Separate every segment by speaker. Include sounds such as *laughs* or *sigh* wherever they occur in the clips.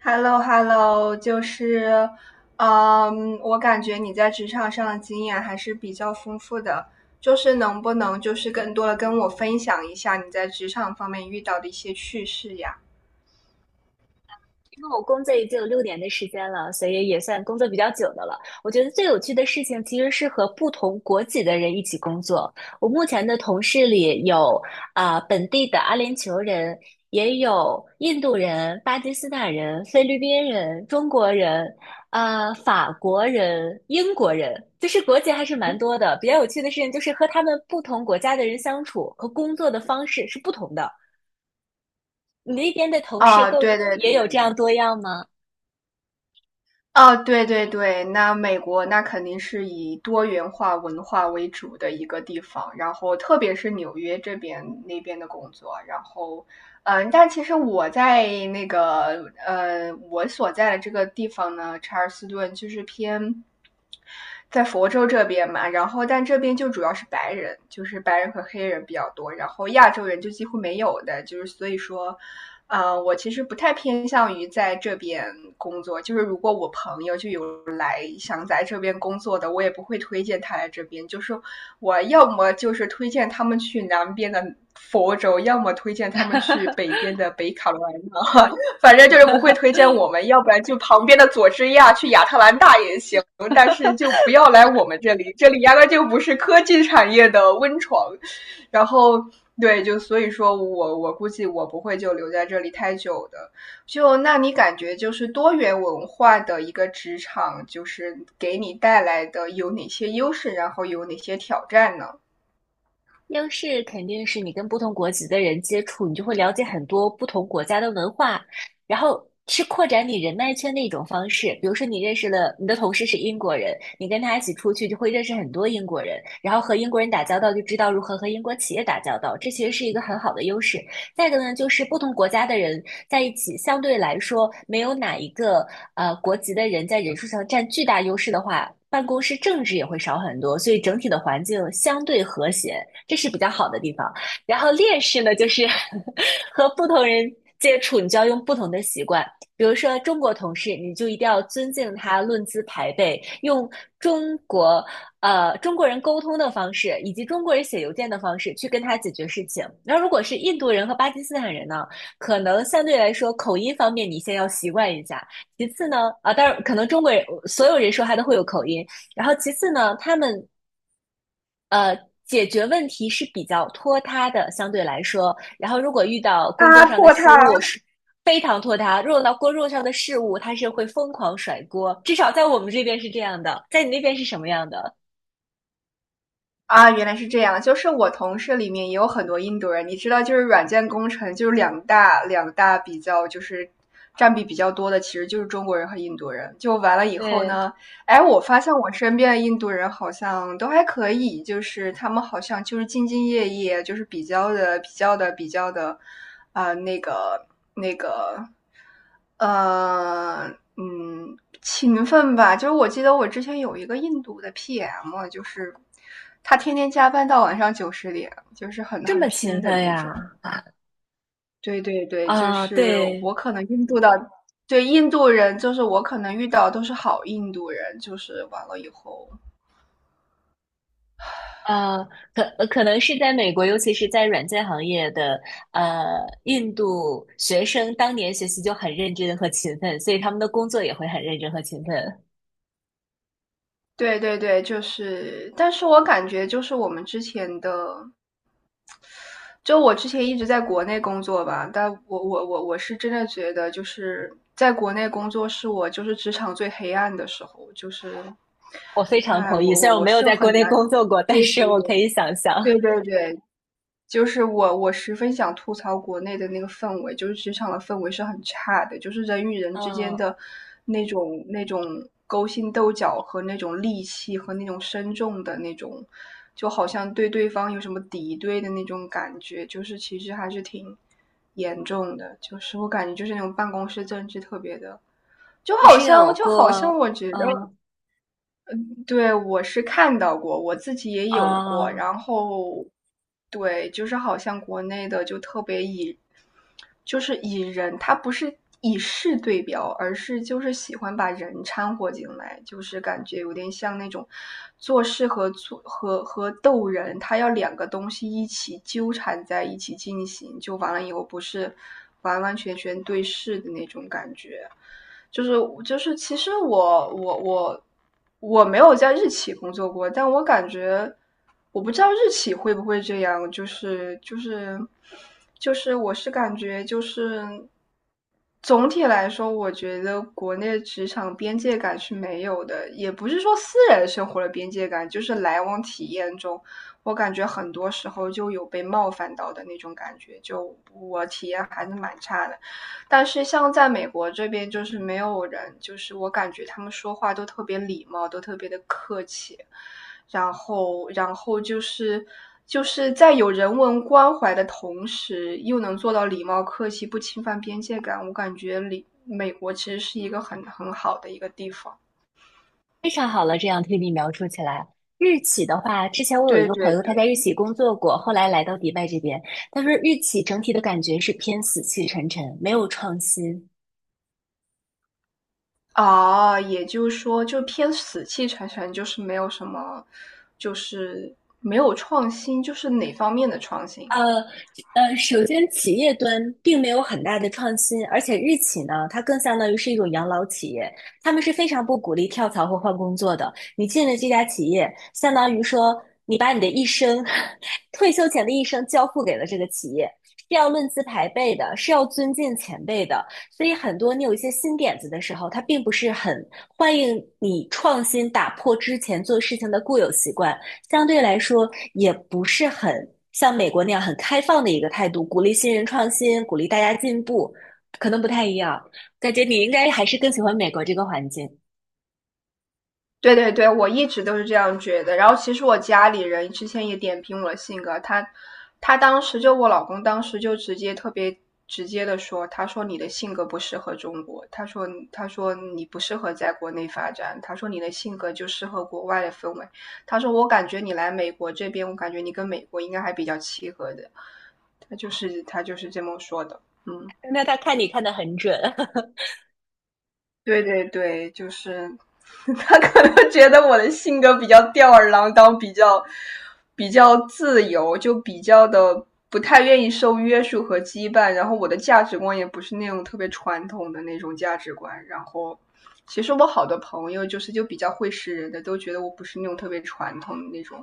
Speaker 1: h e l l o h e l l o 就是，我感觉你在职场上的经验还是比较丰富的，就是能不能就是更多的跟我分享一下你在职场方面遇到的一些趣事呀？
Speaker 2: 因为我工作已经有6年的时间了，所以也算工作比较久的了。我觉得最有趣的事情其实是和不同国籍的人一起工作。我目前的同事里有本地的阿联酋人，也有印度人、巴基斯坦人、菲律宾人、中国人、法国人、英国人，就是国籍还是蛮多的。比较有趣的事情就是和他们不同国家的人相处和工作的方式是不同的。你那边的同事
Speaker 1: 啊，
Speaker 2: 构
Speaker 1: 对
Speaker 2: 成
Speaker 1: 对
Speaker 2: 也有这样
Speaker 1: 对。
Speaker 2: 多样吗？
Speaker 1: 哦，对对对，那美国那肯定是以多元化文化为主的一个地方，然后特别是纽约这边那边的工作。然后，但其实我在那个我所在的这个地方呢，查尔斯顿就是偏在佛州这边嘛。然后但这边就主要是白人，就是白人和黑人比较多，然后亚洲人就几乎没有的，就是所以说，啊，我其实不太偏向于在这边工作。就是如果我朋友就有来想在这边工作的，我也不会推荐他来这边。就是我要么就是推荐他们去南边的佛州，要么推荐他们去北边的北卡罗来纳，*laughs* 反正就是不会推荐我们，要不然就旁边的佐治亚去亚特兰大也行。但是就不要来我们这里，这里压根就不是科技产业的温床。然后对，就所以说我估计我不会就留在这里太久的。就那你感觉就是多元文化的一个职场，就是给你带来的有哪些优势，然后有哪些挑战呢？
Speaker 2: 优势肯定是你跟不同国籍的人接触，你就会了解很多不同国家的文化，然后是扩展你人脉圈的一种方式。比如说，你认识了你的同事是英国人，你跟他一起出去就会认识很多英国人，然后和英国人打交道就知道如何和英国企业打交道，这其实是一个很好的优势。再一个呢，就是不同国家的人在一起，相对来说，没有哪一个国籍的人在人数上占巨大优势的话，办公室政治也会少很多，所以整体的环境相对和谐，这是比较好的地方。然后劣势呢，就是 *laughs* 和不同人接触，你就要用不同的习惯。比如说中国同事，你就一定要尊敬他，论资排辈，用中国中国人沟通的方式，以及中国人写邮件的方式去跟他解决事情。那如果是印度人和巴基斯坦人呢，可能相对来说口音方面你先要习惯一下，其次呢，当然可能中国人所有人说话都会有口音，然后其次呢，他们呃。解决问题是比较拖沓的，相对来说。然后，如果遇到工作
Speaker 1: 啊，
Speaker 2: 上的
Speaker 1: 破
Speaker 2: 失
Speaker 1: 它！
Speaker 2: 误，是非常拖沓；如果到工作上的事物，他是会疯狂甩锅。至少在我们这边是这样的，在你那边是什么样的？
Speaker 1: 啊，原来是这样。就是我同事里面也有很多印度人，你知道，就是软件工程就是两大比较，就是占比比较多的，其实就是中国人和印度人。就完了以后
Speaker 2: 对，
Speaker 1: 呢，哎，我发现我身边的印度人好像都还可以，就是他们好像就是兢兢业业，就是比较的，啊、那个、那个，呃，勤奋吧。就是我记得我之前有一个印度的 PM，就是他天天加班到晚上九十点，就是很
Speaker 2: 这
Speaker 1: 很
Speaker 2: 么勤
Speaker 1: 拼的
Speaker 2: 奋
Speaker 1: 那种。
Speaker 2: 呀？啊，
Speaker 1: 对对对，就
Speaker 2: 啊
Speaker 1: 是
Speaker 2: 对，
Speaker 1: 我可能印度的，对印度人，就是我可能遇到都是好印度人，就是完了以后，
Speaker 2: 啊，可能是在美国，尤其是在软件行业的印度学生，当年学习就很认真和勤奋，所以他们的工作也会很认真和勤奋。
Speaker 1: 对对对，就是，但是我感觉就是我们之前的，就我之前一直在国内工作吧，但我是真的觉得就是在国内工作是我就是职场最黑暗的时候，就是，
Speaker 2: 我非常
Speaker 1: 哎，
Speaker 2: 同意，
Speaker 1: 我
Speaker 2: 虽
Speaker 1: 我
Speaker 2: 然我
Speaker 1: 我
Speaker 2: 没有
Speaker 1: 是
Speaker 2: 在国
Speaker 1: 很
Speaker 2: 内工
Speaker 1: 难，
Speaker 2: 作过，
Speaker 1: 对
Speaker 2: 但是
Speaker 1: 对
Speaker 2: 我
Speaker 1: 对
Speaker 2: 可以想象。
Speaker 1: 对对对，就是我十分想吐槽国内的那个氛围，就是职场的氛围是很差的，就是人与人之间
Speaker 2: 嗯、
Speaker 1: 的那种勾心斗角和那种戾气和那种深重的那种，就好像对对方有什么敌对的那种感觉，就是其实还是挺严重的，就是我感觉就是那种办公室政治特别的，就
Speaker 2: 你
Speaker 1: 好
Speaker 2: 是
Speaker 1: 像
Speaker 2: 有
Speaker 1: 就好像
Speaker 2: 过，
Speaker 1: 我觉得
Speaker 2: 嗯、
Speaker 1: 对，我是看到过，我自己也有过。
Speaker 2: 啊。
Speaker 1: 然后，对，就是好像国内的就特别以，就是以人，他不是以事对标，而是就是喜欢把人掺和进来，就是感觉有点像那种做事和做和和逗人，他要两个东西一起纠缠在一起进行，就完了以后不是完完全全对事的那种感觉。就是就是，其实我没有在日企工作过，但我感觉我不知道日企会不会这样，就是，我是感觉就是总体来说，我觉得国内职场边界感是没有的，也不是说私人生活的边界感，就是来往体验中，我感觉很多时候就有被冒犯到的那种感觉，就我体验还是蛮差的。但是像在美国这边，就是没有人，就是我感觉他们说话都特别礼貌，都特别的客气，然后就是在有人文关怀的同时，又能做到礼貌客气，不侵犯边界感。我感觉里美国其实是一个很好的一个地方。
Speaker 2: 非常好了，这样听你描述起来，日企的话，之前我有一
Speaker 1: 对
Speaker 2: 个朋
Speaker 1: 对
Speaker 2: 友，他在
Speaker 1: 对，
Speaker 2: 日企工作过，后来来到迪拜这边，他说日企整体的感觉是偏死气沉沉，没有创新，
Speaker 1: 啊，也就是说，就偏死气沉沉，就是没有什么，就是没有创新，就是哪方面的创新？
Speaker 2: 呃首先企业端并没有很大的创新，而且日企呢，它更相当于是一种养老企业，他们是非常不鼓励跳槽或换工作的。你进了这家企业，相当于说你把你的一生，*laughs* 退休前的一生交付给了这个企业，是要论资排辈的，是要尊敬前辈的。所以很多你有一些新点子的时候，它并不是很欢迎你创新打破之前做事情的固有习惯，相对来说也不是很像美国那样很开放的一个态度，鼓励新人创新，鼓励大家进步，可能不太一样。感觉你应该还是更喜欢美国这个环境。
Speaker 1: 对对对，我一直都是这样觉得。然后其实我家里人之前也点评我的性格，他当时就我老公当时就直接特别直接的说，他说你的性格不适合中国，他说你不适合在国内发展，他说你的性格就适合国外的氛围，他说我感觉你来美国这边，我感觉你跟美国应该还比较契合的，他就是这么说的，嗯。
Speaker 2: 那他看你看的很准 *laughs*，
Speaker 1: 对对对，就是 *laughs* 他可能觉得我的性格比较吊儿郎当，比较自由，就比较的不太愿意受约束和羁绊。然后我的价值观也不是那种特别传统的那种价值观。然后其实我好多朋友就是就比较会识人的，都觉得我不是那种特别传统的那种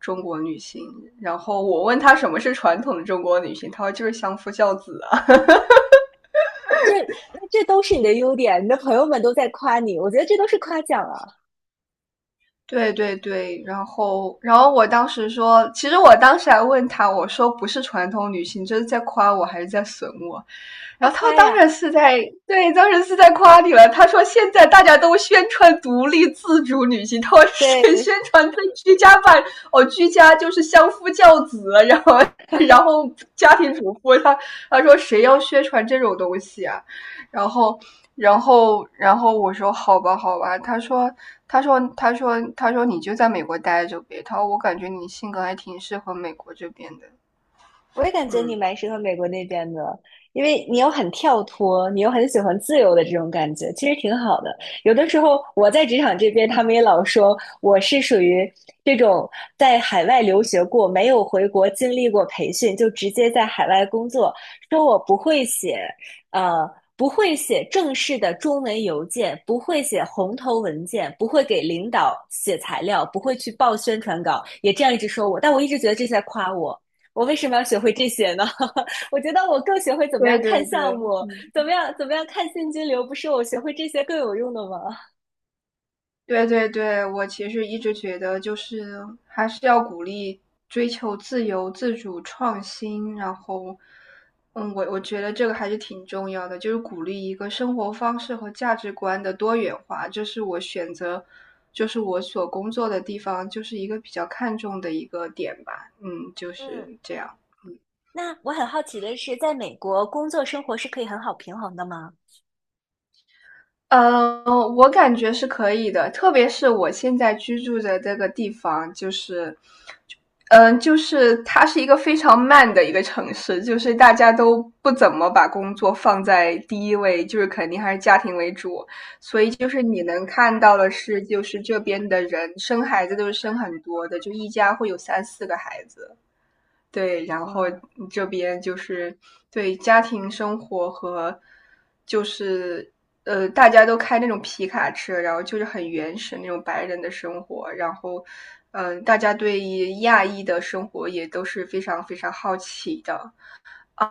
Speaker 1: 中国女性。然后我问他什么是传统的中国女性，他说就是相夫教子。
Speaker 2: 这这都是你的优点，你的朋友们都在夸你，我觉得这都是夸奖啊，
Speaker 1: 对对对，然后我当时说，其实我当时还问他，我说不是传统女性，这是在夸我还是在损我？
Speaker 2: 在
Speaker 1: 然后他
Speaker 2: 夸
Speaker 1: 当然
Speaker 2: 呀。
Speaker 1: 是在，对，当然是在夸你了。他说现在大家都宣传独立自主女性，他是宣
Speaker 2: 对，
Speaker 1: 传对居家办，哦，居家就是相夫教子啊，然后家庭主妇啊。他说谁要宣传这种东西啊？然后然后我说好吧好吧。他说他说他说你就在美国待着呗。他说我感觉你性格还挺适合美国这边的。
Speaker 2: 我也感觉你
Speaker 1: 嗯，
Speaker 2: 蛮适合美国那边的，因为你又很跳脱，你又很喜欢自由的这种感觉，其实挺好的。有的时候我在职场这边，他们也老说我是属于这种在海外留学过，没有回国经历过培训，就直接在海外工作，说我不会写，呃，不会写正式的中文邮件，不会写红头文件，不会给领导写材料，不会去报宣传稿，也这样一直说我，但我一直觉得这是在夸我。我为什么要学会这些呢？*laughs* 我觉得我更学会怎么
Speaker 1: 对
Speaker 2: 样看
Speaker 1: 对对，
Speaker 2: 项目，
Speaker 1: 嗯。
Speaker 2: 怎么样怎么样看现金流，不是我学会这些更有用的吗？
Speaker 1: 对对对，我其实一直觉得，就是还是要鼓励追求自由、自主、创新。然后，我觉得这个还是挺重要的，就是鼓励一个生活方式和价值观的多元化。这是我选择，就是我所工作的地方，就是一个比较看重的一个点吧。嗯，就
Speaker 2: *laughs* 嗯，
Speaker 1: 是这样。
Speaker 2: 那我很好奇的是，在美国工作生活是可以很好平衡的吗？
Speaker 1: 呃，我感觉是可以的，特别是我现在居住的这个地方，就是就是它是一个非常慢的一个城市，就是大家都不怎么把工作放在第一位，就是肯定还是家庭为主。所以就是你能看到的是，就是这边的人生孩子都是生很多的，就一家会有三四个孩子。对，然后
Speaker 2: 哇，
Speaker 1: 这边就是对家庭生活和就是大家都开那种皮卡车，然后就是很原始那种白人的生活，然后大家对于亚裔的生活也都是非常非常好奇的。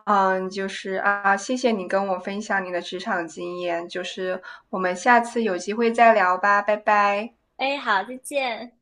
Speaker 1: 就是啊，谢谢你跟我分享你的职场经验，就是我们下次有机会再聊吧，拜拜。
Speaker 2: 哎，好，再见。